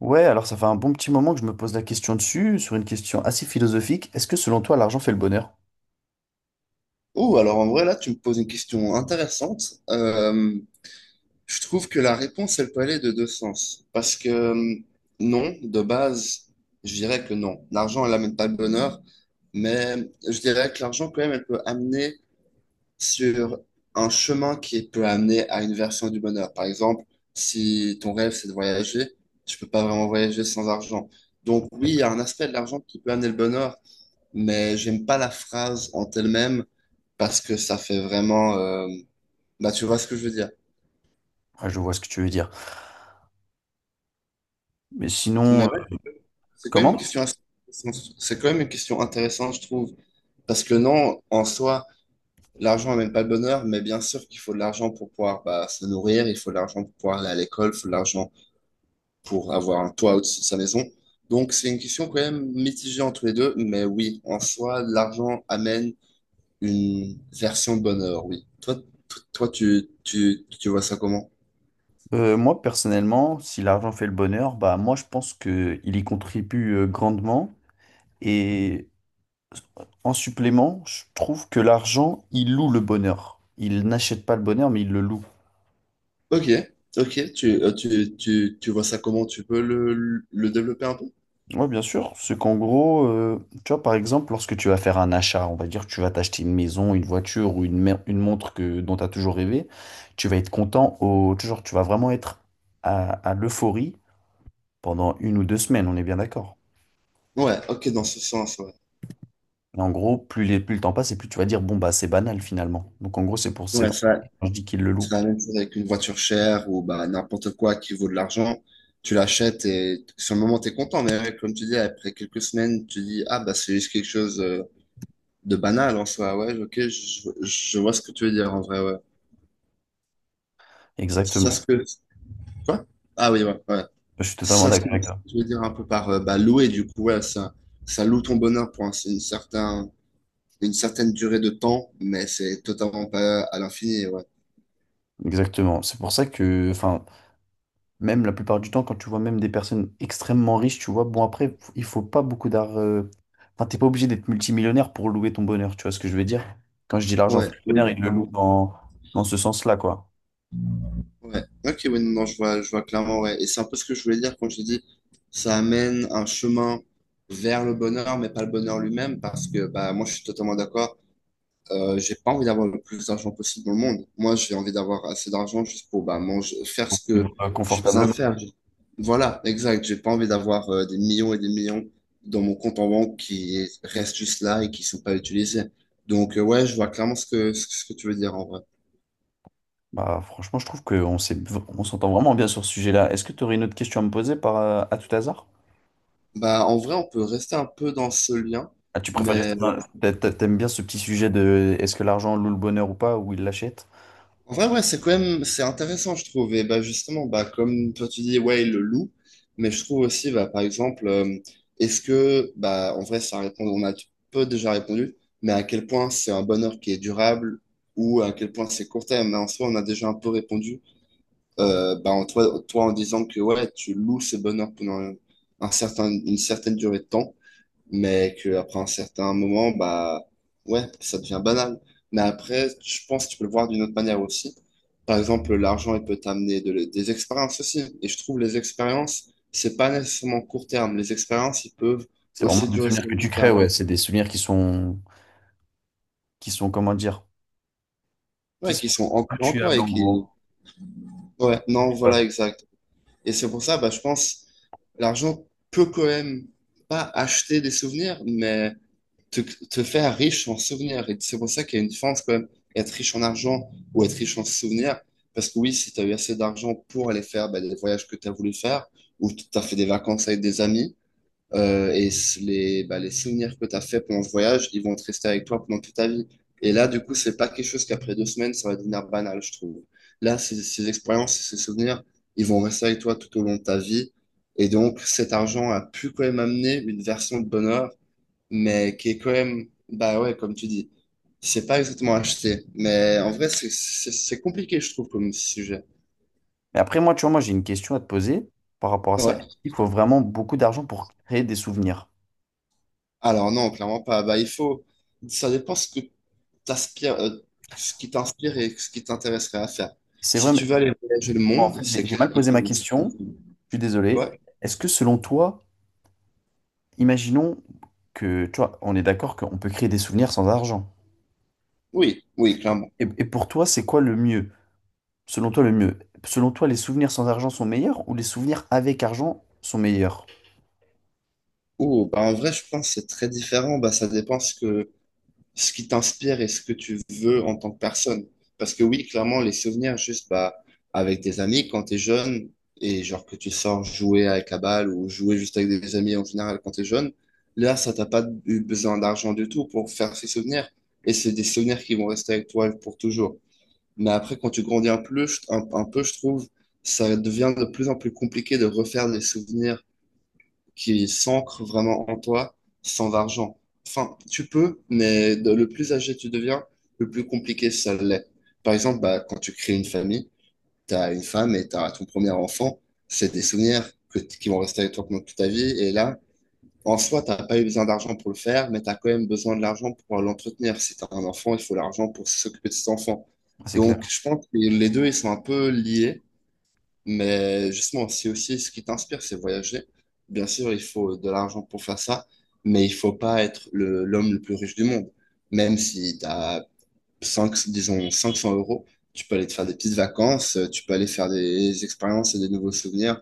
Ouais, alors ça fait un bon petit moment que je me pose la question dessus, sur une question assez philosophique. Est-ce que selon toi, l'argent fait le bonheur? Oh, alors en vrai, là, tu me poses une question intéressante. Je trouve que la réponse, elle peut aller de deux sens. Parce que non, de base, je dirais que non. L'argent, elle n'amène pas le bonheur, mais je dirais que l'argent, quand même, elle peut amener sur un chemin qui peut amener à une version du bonheur. Par exemple, si ton rêve, c'est de voyager, tu peux pas vraiment voyager sans argent. Donc oui, il y a un D'accord. aspect de l'argent qui peut amener le bonheur, mais j'aime pas la phrase en elle-même parce que ça fait vraiment... bah, tu vois ce que je veux dire. Ah, je vois ce que tu veux dire. Mais sinon, Mais ouais, c'est quand même une comment? question assez intéressante. C'est quand même une question intéressante, je trouve. Parce que non, en soi, l'argent n'amène pas le bonheur, mais bien sûr qu'il faut de l'argent pour pouvoir bah, se nourrir, il faut de l'argent pour pouvoir aller à l'école, il faut de l'argent pour avoir un toit au-dessus de sa maison. Donc c'est une question quand même mitigée entre les deux, mais oui, en soi, l'argent amène une version de bonheur, oui. Toi, toi tu vois ça comment? Moi, personnellement, si l'argent fait le bonheur, bah moi, je pense que il y contribue grandement. Et en supplément, je trouve que l'argent, il loue le bonheur. Il n'achète pas le bonheur, mais il le loue. Ok, ok, tu vois ça comment tu peux le développer un peu? Oui, bien sûr. C'est qu'en gros, tu vois, par exemple, lorsque tu vas faire un achat, on va dire que tu vas t'acheter une maison, une voiture ou une, une montre que, dont tu as toujours rêvé, tu vas être content au, toujours, tu vas vraiment être à l'euphorie pendant une ou deux semaines, on est bien d'accord. Ouais, ok, dans ce sens, ouais. Et en gros, plus, les, plus le temps passe et plus tu vas dire, bon, bah, c'est banal finalement. Donc, en gros, c'est pour, Ouais, c'est la quand je dis qu'il le loue. c'est la même chose avec une voiture chère ou bah, n'importe quoi qui vaut de l'argent. Tu l'achètes et sur le moment, tu es content. Mais ouais, comme tu dis, après quelques semaines, tu dis, ah, bah, c'est juste quelque chose de banal en soi. Ouais, ok, je vois ce que tu veux dire en vrai, ouais. C'est ça Exactement. ce que. Quoi? Ah oui, ouais, ouais. Je suis C'est totalement ça ce d'accord que avec toi. tu veux dire un peu par bah, louer, du coup, ouais, ça loue ton bonheur pour un, c'est une certaine durée de temps, mais c'est totalement pas à l'infini, ouais. Exactement. C'est pour ça que, enfin, même la plupart du temps, quand tu vois même des personnes extrêmement riches, tu vois, bon après, il faut pas beaucoup d'art. Enfin, t'es pas obligé d'être multimillionnaire pour louer ton bonheur, tu vois ce que je veux dire? Quand je dis l'argent Ouais, fait le oui, bonheur, oui, il le loue clairement. dans, dans ce sens-là, quoi. Ouais. Ok, oui, non, je vois clairement, ouais. Et c'est un peu ce que je voulais dire quand j'ai dit, ça amène un chemin vers le bonheur, mais pas le bonheur lui-même, parce que bah moi je suis totalement d'accord. J'ai pas envie d'avoir le plus d'argent possible dans le monde. Moi, j'ai envie d'avoir assez d'argent juste pour bah, manger, faire ce que Vivre, j'ai besoin de confortablement. faire. Voilà, exact. J'ai pas envie d'avoir des millions et des millions dans mon compte en banque qui restent juste là et qui sont pas utilisés. Donc, ouais, je vois clairement ce que tu veux dire en vrai. Bah franchement, je trouve on s'entend vraiment bien sur ce sujet-là. Est-ce que tu aurais une autre question à me poser par, à tout hasard? Bah, en vrai, on peut rester un peu dans ce lien, Ah, tu préfères rester mais T'aimes bien ce petit sujet de est-ce que l'argent loue le bonheur ou pas, ou il l'achète? en vrai, ouais, c'est quand même, c'est intéressant, je trouve. Et bah, justement, bah, comme toi, tu dis, ouais, le loup, mais je trouve aussi, bah, par exemple, est-ce que, bah, en vrai, ça répond, on a peu déjà répondu, mais à quel point c'est un bonheur qui est durable ou à quel point c'est court terme. Mais en soi, on a déjà un peu répondu, bah, en toi, toi, en disant que, ouais, tu loues ce bonheur pendant un certain, une certaine durée de temps mais qu'après un certain moment, bah ouais, ça devient banal. Mais après, je pense que tu peux le voir d'une autre manière aussi. Par exemple, l'argent, il peut t'amener des expériences aussi. Et je trouve les expériences, c'est pas nécessairement court terme. Les expériences, ils peuvent C'est vraiment aussi des durer souvenirs sur que le tu long crées, terme. ouais. C'est des souvenirs qui sont, comment dire, qui Ouais, qui sont sont ancrés en toi intuables et en gros. qui... Ouais, Je non, sais pas voilà, quoi. exact. Et c'est pour ça, bah, je pense, l'argent peut quand même pas acheter des souvenirs, mais te faire riche en souvenirs. Et c'est pour ça qu'il y a une différence quand même, être riche en argent ou être riche en souvenirs. Parce que oui, si tu as eu assez d'argent pour aller faire bah, les voyages que tu as voulu faire, ou tu as fait des vacances avec des amis, et les, bah, les souvenirs que tu as fait pendant ce voyage, ils vont te rester avec toi pendant toute ta vie. Et là, du coup, c'est pas quelque chose qu'après deux semaines, ça va devenir banal, je trouve. Là, ces expériences, ces souvenirs, ils vont rester avec toi tout au long de ta vie. Et donc, cet argent a pu quand même amener une version de bonheur mais qui est quand même, bah ouais, comme tu dis, c'est pas exactement acheté. Mais en vrai, c'est compliqué, je trouve, comme sujet. Mais après, moi, tu vois, moi, j'ai une question à te poser par rapport à ça. Ouais. Il faut vraiment beaucoup d'argent pour créer des souvenirs. Alors non, clairement pas. Bah, il faut, ça dépend ce que t'aspires, ce qui t'inspire et ce qui t'intéresserait à faire. C'est Si vrai, mais tu veux aller voyager le bon, en monde, fait, c'est j'ai clair mal qu'il posé ma faut une certaine. question. Je suis désolé. Ouais. Est-ce que selon toi, imaginons que, tu vois, on est d'accord qu'on peut créer des souvenirs sans argent. Oui, oui, clairement. Et pour toi, c'est quoi le mieux? Selon toi, le mieux. Selon toi, les souvenirs sans argent sont meilleurs ou les souvenirs avec argent sont meilleurs? Ouh, bah en vrai, je pense que c'est très différent. Bah, ça dépend ce que ce qui t'inspire et ce que tu veux en tant que personne. Parce que oui, clairement, les souvenirs, juste bah, avec tes amis quand t'es jeune, et genre que tu sors jouer avec la balle ou jouer juste avec des amis en général quand t'es jeune, là, ça t'a pas eu besoin d'argent du tout pour faire ces souvenirs. Et c'est des souvenirs qui vont rester avec toi pour toujours. Mais après, quand tu grandis un peu, un peu, je trouve, ça devient de plus en plus compliqué de refaire des souvenirs qui s'ancre vraiment en toi sans argent. Enfin, tu peux, mais le plus âgé tu deviens, le plus compliqué ça l'est. Par exemple, bah, quand tu crées une famille, tu as une femme et tu as ton premier enfant, c'est des souvenirs qui vont rester avec toi pendant toute ta vie. Et là, en soi, tu n'as pas eu besoin d'argent pour le faire, mais tu as quand même besoin de l'argent pour pouvoir l'entretenir. Si tu as un enfant, il faut l'argent pour s'occuper de cet enfant. Ah, c'est Donc, clair. je pense que les deux, ils sont un peu liés. Mais justement, si aussi ce qui t'inspire, c'est voyager, bien sûr, il faut de l'argent pour faire ça, mais il faut pas être l'homme le plus riche du monde. Même si tu as 5, disons 500 euros, tu peux aller te faire des petites vacances, tu peux aller faire des expériences et des nouveaux souvenirs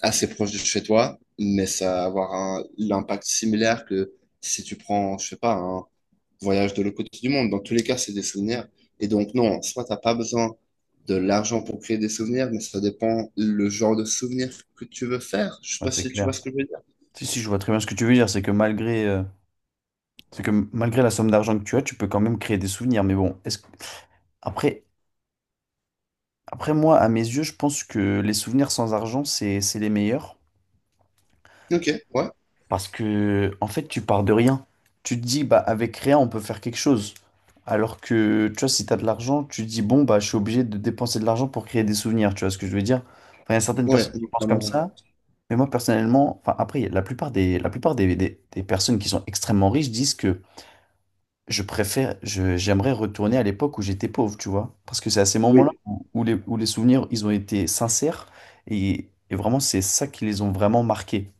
assez proches de chez toi, mais ça va avoir un, l'impact similaire que si tu prends, je sais pas, voyage de l'autre côté du monde. Dans tous les cas, c'est des souvenirs. Et donc, non, soit t'as pas besoin de l'argent pour créer des souvenirs, mais ça dépend le genre de souvenirs que tu veux faire. Je sais Ah, pas c'est si tu vois clair. ce que je veux dire. Si, si, je vois très bien ce que tu veux dire. C'est que malgré la somme d'argent que tu as, tu peux quand même créer des souvenirs. Mais bon, après, après moi, à mes yeux, je pense que les souvenirs sans argent, c'est les meilleurs. Ok, ouais, Parce que, en fait, tu pars de rien. Tu te dis, bah, avec rien, on peut faire quelque chose. Alors que, tu vois, si tu as de l'argent, tu te dis, bon, bah, je suis obligé de dépenser de l'argent pour créer des souvenirs. Tu vois ce que je veux dire? Enfin, il y a certaines ouais, personnes qui non, pensent clairement, comme ouais. ça. Mais moi, personnellement, enfin, après, la plupart des personnes qui sont extrêmement riches disent que je préfère, j'aimerais retourner à l'époque où j'étais pauvre, tu vois. Parce que c'est à ces moments-là Oui. où, où les souvenirs, ils ont été sincères et vraiment, c'est ça qui les ont vraiment marqués,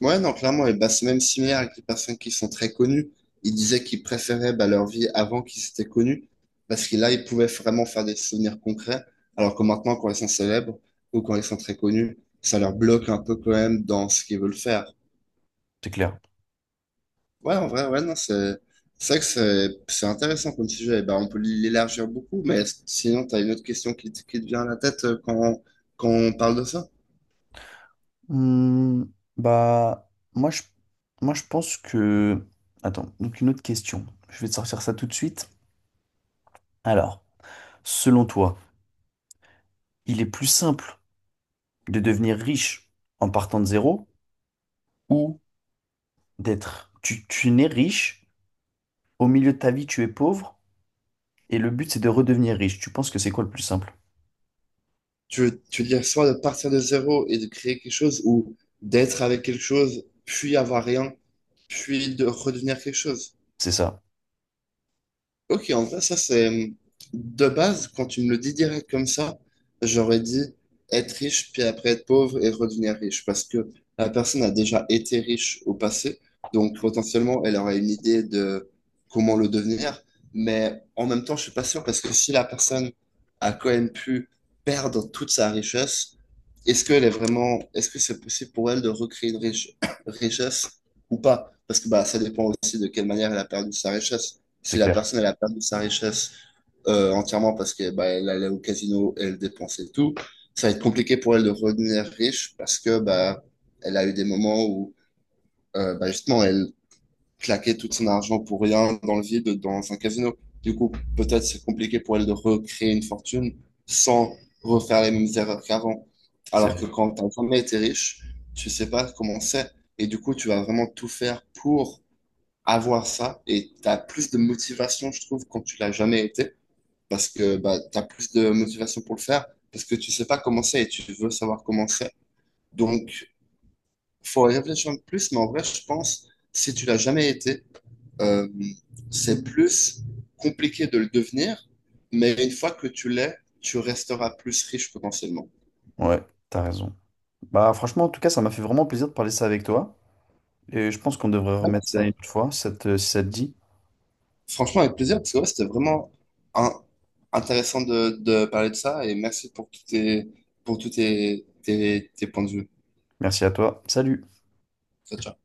Ouais, non, clairement, et bah, c'est même similaire avec les personnes qui sont très connues. Ils disaient qu'ils préféraient bah, leur vie avant qu'ils étaient connus, parce que là, ils pouvaient vraiment faire des souvenirs concrets, alors que maintenant, quand ils sont célèbres ou quand ils sont très connus, ça leur bloque un peu quand même dans ce qu'ils veulent faire. c'est clair. Ouais, en vrai, ouais, non, c'est vrai que c'est intéressant comme sujet. Et ben, on peut l'élargir beaucoup, mais sinon, tu as une autre question qui, qui te vient à la tête quand on parle de ça. Hmm, bah, moi je, moi, je pense que. Attends, donc une autre question. Je vais te sortir ça tout de suite. Alors, selon toi, il est plus simple de devenir riche en partant de zéro ou d'être. Tu nais riche, au milieu de ta vie, tu es pauvre. Et le but, c'est de redevenir riche. Tu penses que c'est quoi le plus simple? Tu veux dire soit de partir de zéro et de créer quelque chose, ou d'être avec quelque chose, puis avoir rien, puis de redevenir quelque chose. C'est ça, Ok, en vrai, ça c'est de base, quand tu me le dis direct comme ça, j'aurais dit être riche, puis après être pauvre et redevenir riche, parce que la personne a déjà été riche au passé, donc potentiellement elle aurait une idée de comment le devenir, mais en même temps, je suis pas sûr, parce que si la personne a quand même pu perdre toute sa richesse, est-ce qu'elle est vraiment, est-ce que c'est possible pour elle de recréer une richesse ou pas? Parce que bah, ça dépend aussi de quelle manière elle a perdu sa richesse. c'est Si la clair. personne elle a perdu sa richesse entièrement parce que bah, elle allait au casino, elle dépensait tout, ça va être compliqué pour elle de redevenir riche parce que bah, elle a eu des moments où bah, justement elle claquait tout son argent pour rien dans le vide dans un casino. Du coup, peut-être c'est compliqué pour elle de recréer une fortune sans refaire les mêmes erreurs qu'avant. Alors que C'est... quand t'as jamais été riche, tu sais pas comment c'est. Et du coup, tu vas vraiment tout faire pour avoir ça et tu as plus de motivation, je trouve, quand tu l'as jamais été, parce que bah, tu as plus de motivation pour le faire, parce que tu sais pas comment c'est et tu veux savoir comment c'est. Donc, faut y réfléchir un peu plus, mais en vrai, je pense, si tu l'as jamais été, euh, c'est plus compliqué de le devenir, mais une fois que tu l'es, tu resteras plus riche potentiellement. Ouais, t'as raison. Bah franchement, en tout cas, ça m'a fait vraiment plaisir de parler ça avec toi. Et je pense qu'on devrait remettre ça une autre fois, si ça te dit. Franchement, avec plaisir, parce que ouais, c'était vraiment un intéressant de parler de ça et merci pour tous tes, tes points de vue. Merci à toi. Salut. Ciao, ciao.